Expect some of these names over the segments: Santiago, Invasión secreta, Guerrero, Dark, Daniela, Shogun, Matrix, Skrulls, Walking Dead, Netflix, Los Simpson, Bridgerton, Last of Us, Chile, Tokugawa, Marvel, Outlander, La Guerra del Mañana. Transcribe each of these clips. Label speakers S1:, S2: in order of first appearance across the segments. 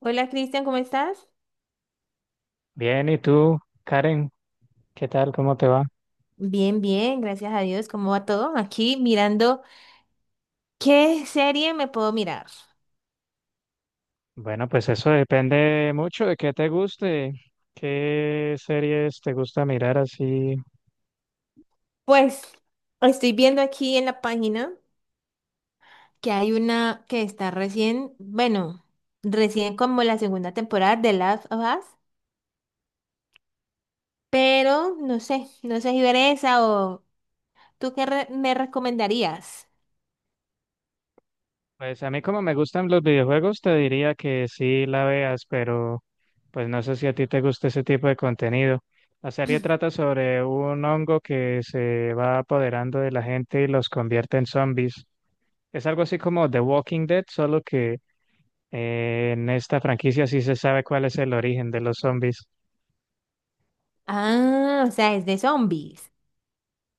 S1: Hola, Cristian, ¿cómo estás?
S2: Bien, ¿y tú, Karen? ¿Qué tal? ¿Cómo te va?
S1: Bien, bien, gracias a Dios. ¿Cómo va todo? Aquí mirando qué serie me puedo mirar.
S2: Bueno, pues eso depende mucho de qué te guste, qué series te gusta mirar así.
S1: Pues estoy viendo aquí en la página que hay una que está recién, bueno, recién como la segunda temporada de Last of Us, pero no sé, no sé si ver esa o tú qué me recomendarías.
S2: Pues a mí como me gustan los videojuegos, te diría que sí la veas, pero pues no sé si a ti te gusta ese tipo de contenido. La serie trata sobre un hongo que se va apoderando de la gente y los convierte en zombies. Es algo así como The Walking Dead, solo que en esta franquicia sí se sabe cuál es el origen de los zombies.
S1: Ah, o sea, es de zombies.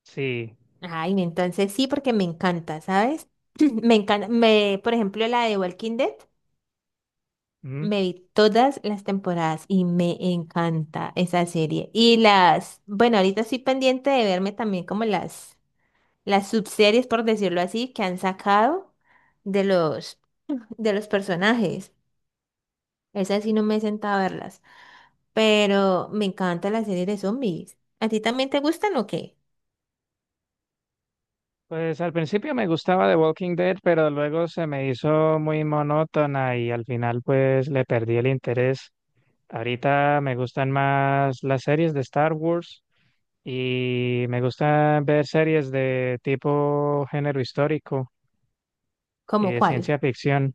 S2: Sí.
S1: Ay, entonces sí, porque me encanta, ¿sabes? Me encanta, por ejemplo, la de Walking Dead.
S2: Mm.
S1: Me vi todas las temporadas y me encanta esa serie. Y bueno, ahorita estoy pendiente de verme también como las subseries, por decirlo así, que han sacado de los, de los personajes. Esas sí no me he sentado a verlas. Pero me encanta la serie de zombies. ¿A ti también te gustan o qué?
S2: Pues al principio me gustaba The Walking Dead, pero luego se me hizo muy monótona y al final pues le perdí el interés. Ahorita me gustan más las series de Star Wars y me gustan ver series de tipo género histórico y
S1: ¿Cómo
S2: de
S1: cuál?
S2: ciencia ficción.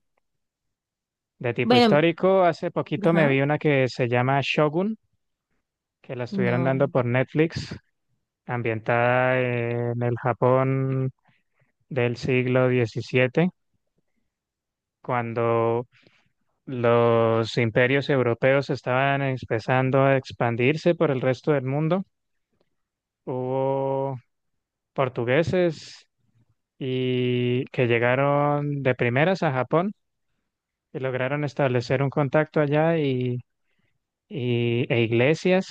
S2: De tipo
S1: Bueno,
S2: histórico, hace poquito me
S1: ajá,
S2: vi una que se llama Shogun, que la estuvieron
S1: no.
S2: dando por Netflix, ambientada en el Japón del siglo 17, cuando los imperios europeos estaban empezando a expandirse por el resto del mundo. Hubo portugueses y que llegaron de primeras a Japón y lograron establecer un contacto allá e iglesias.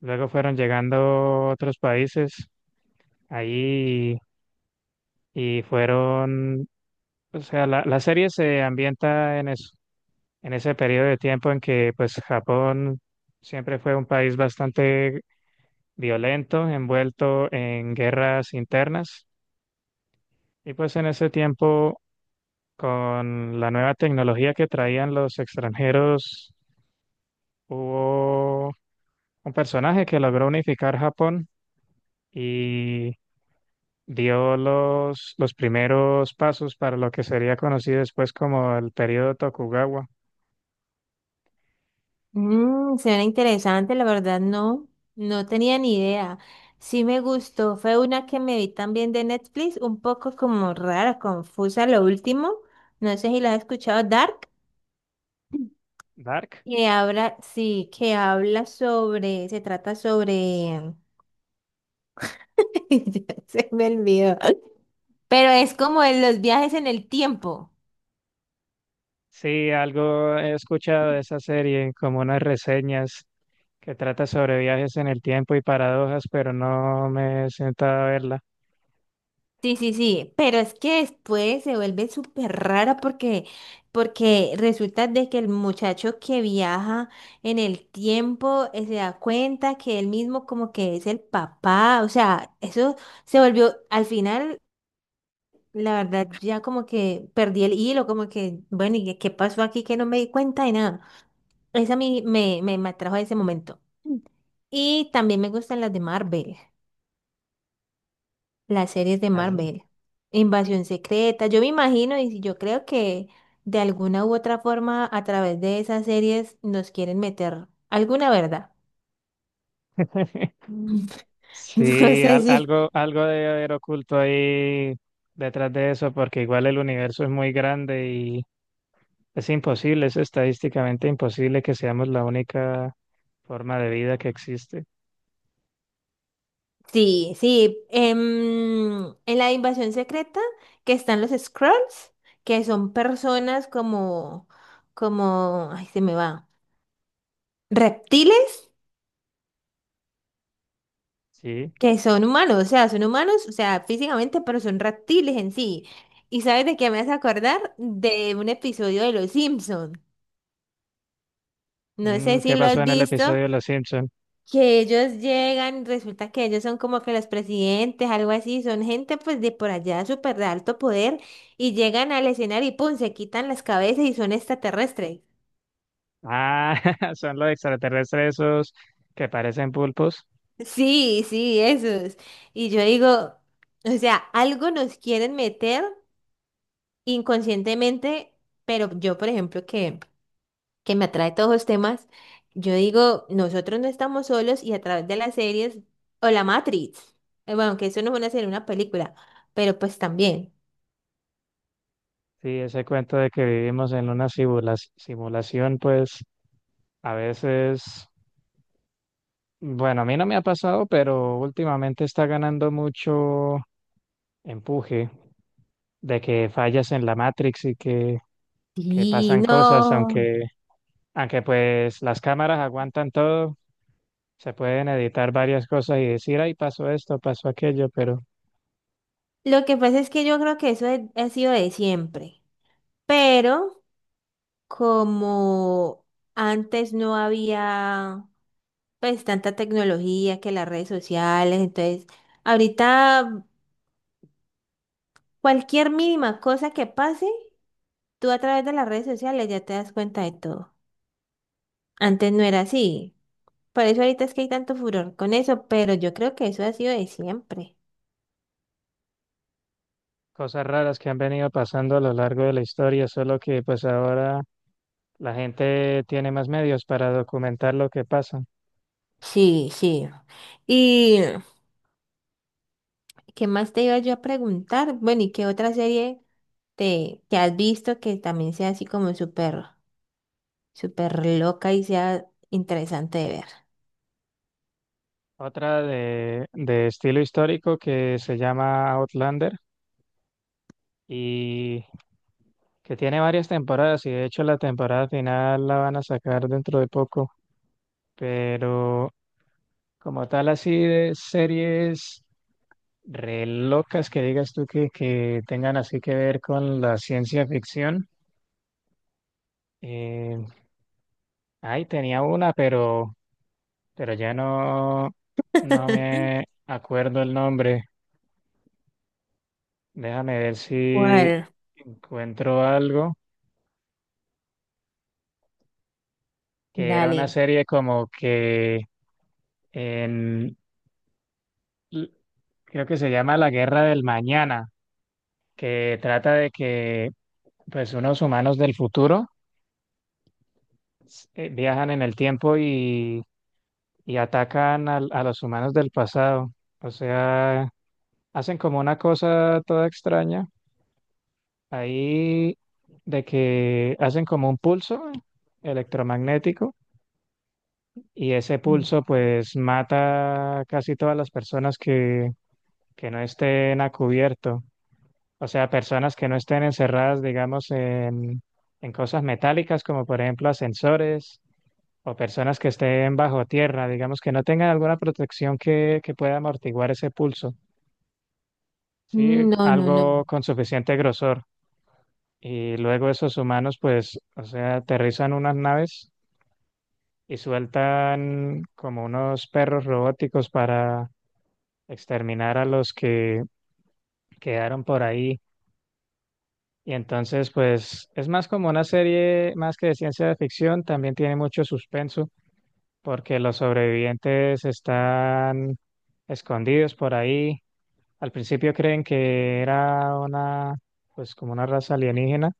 S2: Luego fueron llegando otros países ahí y fueron, o sea, la serie se ambienta en eso, en ese periodo de tiempo en que pues Japón siempre fue un país bastante violento, envuelto en guerras internas. Y pues en ese tiempo, con la nueva tecnología que traían los extranjeros, hubo un personaje que logró unificar Japón y dio los primeros pasos para lo que sería conocido después como el periodo Tokugawa.
S1: Mm, suena interesante, la verdad no, no tenía ni idea. Sí me gustó, fue una que me vi también de Netflix, un poco como rara, confusa, lo último. No sé si la has escuchado, Dark,
S2: Dark.
S1: que habla, sí, que habla sobre, se trata sobre, ya se me olvidó, pero es como en los viajes en el tiempo.
S2: Sí, algo he escuchado de esa serie, como unas reseñas, que trata sobre viajes en el tiempo y paradojas, pero no me he sentado a verla.
S1: Sí, sí, sí, pero es que después se vuelve súper rara porque resulta de que el muchacho que viaja en el tiempo se da cuenta que él mismo como que es el papá, o sea, eso se volvió, al final, la verdad, ya como que perdí el hilo, como que, bueno, ¿y qué pasó aquí que no me di cuenta de nada? Esa a mí me atrajo a ese momento. Y también me gustan las de Marvel. Las series de
S2: Mm.
S1: Marvel. Invasión secreta. Yo me imagino y si yo creo que de alguna u otra forma a través de esas series nos quieren meter alguna verdad. No
S2: Sí,
S1: sé si.
S2: algo debe haber oculto ahí detrás de eso, porque igual el universo es muy grande y es imposible, es estadísticamente imposible que seamos la única forma de vida que existe.
S1: Sí, sí. En la invasión secreta que están los Skrulls, que son personas como, ay, se me va. Reptiles
S2: Sí.
S1: que son humanos, o sea, son humanos, o sea, físicamente, pero son reptiles en sí. ¿Y sabes de qué me hace acordar? De un episodio de Los Simpson. No
S2: Mm,
S1: sé si
S2: ¿qué
S1: lo
S2: pasó
S1: has
S2: en el
S1: visto,
S2: episodio de Los Simpson?
S1: que ellos llegan, resulta que ellos son como que los presidentes, algo así, son gente pues de por allá súper de alto poder y llegan al escenario y pum, se quitan las cabezas y son extraterrestres.
S2: Ah, son los extraterrestres esos que parecen pulpos.
S1: Sí, sí, esos. Y yo digo, o sea, algo nos quieren meter inconscientemente, pero yo, por ejemplo, que me atrae todos los temas, yo digo, nosotros no estamos solos y a través de las series o la Matrix, bueno, que eso no es una serie, una película, pero pues también.
S2: Sí, ese cuento de que vivimos en una simulación, pues a veces, bueno, a mí no me ha pasado, pero últimamente está ganando mucho empuje de que fallas en la Matrix y que
S1: Sí,
S2: pasan cosas,
S1: no.
S2: aunque, aunque pues las cámaras aguantan todo, se pueden editar varias cosas y decir, ay, pasó esto, pasó aquello, pero
S1: Lo que pasa es que yo creo que eso ha sido de siempre, pero como antes no había pues tanta tecnología que las redes sociales, entonces ahorita cualquier mínima cosa que pase, tú a través de las redes sociales ya te das cuenta de todo. Antes no era así. Por eso ahorita es que hay tanto furor con eso, pero yo creo que eso ha sido de siempre.
S2: cosas raras que han venido pasando a lo largo de la historia, solo que pues ahora la gente tiene más medios para documentar lo que pasa.
S1: Sí, sí. ¿Y qué más te iba yo a preguntar? Bueno, ¿y qué otra serie que has visto que también sea así como súper, súper loca y sea interesante de ver?
S2: Otra de estilo histórico que se llama Outlander y que tiene varias temporadas, y de hecho la temporada final la van a sacar dentro de poco, pero como tal así de series re locas que digas tú que tengan así que ver con la ciencia ficción. eh, Ay, tenía una, pero ya no, no me acuerdo el nombre. Déjame ver si
S1: ¿Cuál?
S2: encuentro algo, que era una
S1: Dale.
S2: serie como que en, l- creo que se llama La Guerra del Mañana, que trata de que pues unos humanos del futuro viajan en el tiempo y atacan a los humanos del pasado. O sea, hacen como una cosa toda extraña. Ahí de que hacen como un pulso electromagnético, y ese
S1: Mm.
S2: pulso pues mata casi todas las personas que no estén a cubierto. O sea, personas que no estén encerradas, digamos, en cosas metálicas como por ejemplo ascensores, o personas que estén bajo tierra, digamos, que no tengan alguna protección que pueda amortiguar ese pulso. Sí,
S1: No, no, no.
S2: algo con suficiente grosor. Y luego esos humanos, pues, o sea, aterrizan unas naves y sueltan como unos perros robóticos para exterminar a los que quedaron por ahí. Y entonces, pues, es más como una serie más que de ciencia de ficción, también tiene mucho suspenso, porque los sobrevivientes están escondidos por ahí. Al principio creen que era una, pues, como una raza alienígena.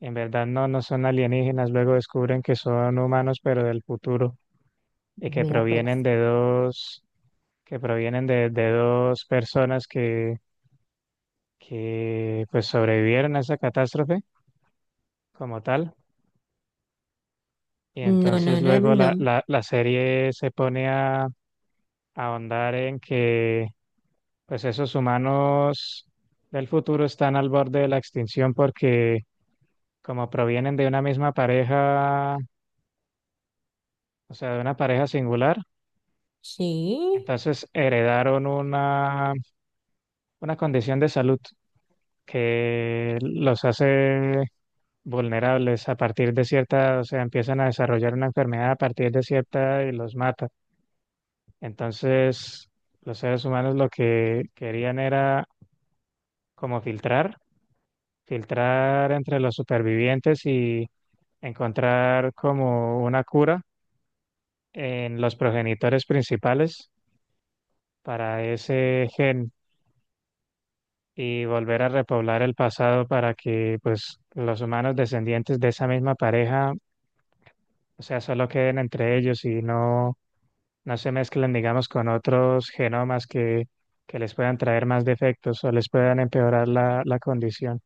S2: En verdad no, no son alienígenas, luego descubren que son humanos, pero del futuro, y que
S1: Vea
S2: provienen
S1: pues.
S2: de dos, que provienen de dos personas que pues sobrevivieron a esa catástrofe como tal. Y
S1: No, no,
S2: entonces
S1: no,
S2: luego la,
S1: no.
S2: la, la serie se pone a ahondar en que pues esos humanos del futuro están al borde de la extinción porque como provienen de una misma pareja, o sea, de una pareja singular.
S1: Sí.
S2: Entonces heredaron una condición de salud que los hace vulnerables a partir de cierta, o sea, empiezan a desarrollar una enfermedad a partir de cierta y los mata. Entonces, los seres humanos lo que querían era como filtrar, filtrar entre los supervivientes y encontrar como una cura en los progenitores principales para ese gen, y volver a repoblar el pasado para que pues los humanos descendientes de esa misma pareja, o sea, solo queden entre ellos y no, no se mezclen, digamos, con otros genomas que les puedan traer más defectos o les puedan empeorar la condición.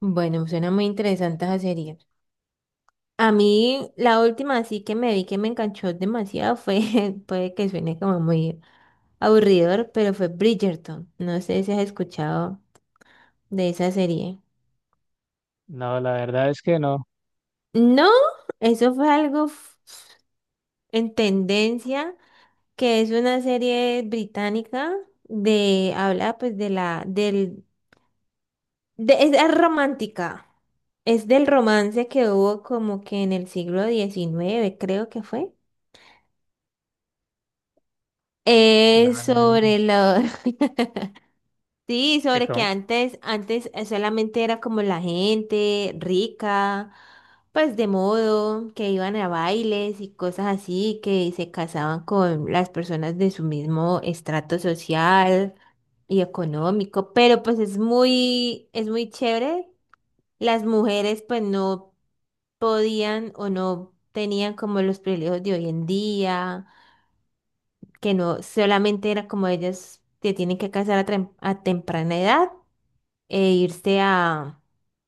S1: Bueno, suena muy interesante esa serie. A mí la última así que me vi que me enganchó demasiado fue, puede que suene como muy aburridor, pero fue Bridgerton. No sé si has escuchado de esa serie.
S2: No, la verdad es que no.
S1: No, eso fue algo en tendencia, que es una serie británica habla pues de la, del, de, es romántica. Es del romance que hubo como que en el siglo XIX creo que fue.
S2: No,
S1: Es
S2: no.
S1: sobre lo- Sí, sobre que antes, antes solamente era como la gente rica, pues de modo, que iban a bailes y cosas así, que se casaban con las personas de su mismo estrato social y económico, pero pues es muy chévere. Las mujeres pues no podían o no tenían como los privilegios de hoy en día, que no solamente era como ellas se tienen que casar a, a temprana edad e irse a,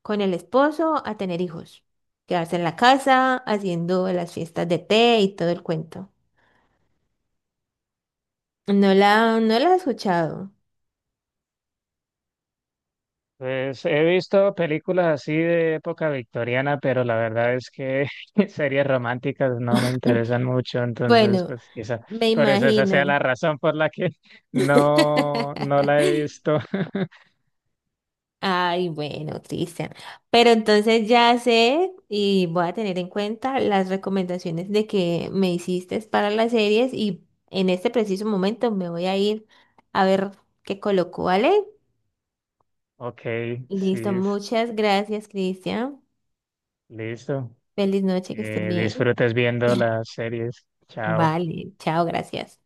S1: con el esposo a tener hijos, quedarse en la casa haciendo las fiestas de té y todo el cuento. No la he escuchado.
S2: Pues he visto películas así de época victoriana, pero la verdad es que series románticas no me interesan mucho, entonces
S1: Bueno,
S2: pues quizá
S1: me
S2: por eso esa sea la
S1: imagino.
S2: razón por la que no, no la he visto.
S1: Ay, bueno, Cristian. Pero entonces ya sé y voy a tener en cuenta las recomendaciones de que me hiciste para las series y en este preciso momento me voy a ir a ver qué coloco, ¿vale?
S2: Ok, sí,
S1: Listo, muchas gracias, Cristian.
S2: listo.
S1: Feliz noche, que estés
S2: Que
S1: bien.
S2: disfrutes viendo las series. Chao.
S1: Vale, chao, gracias.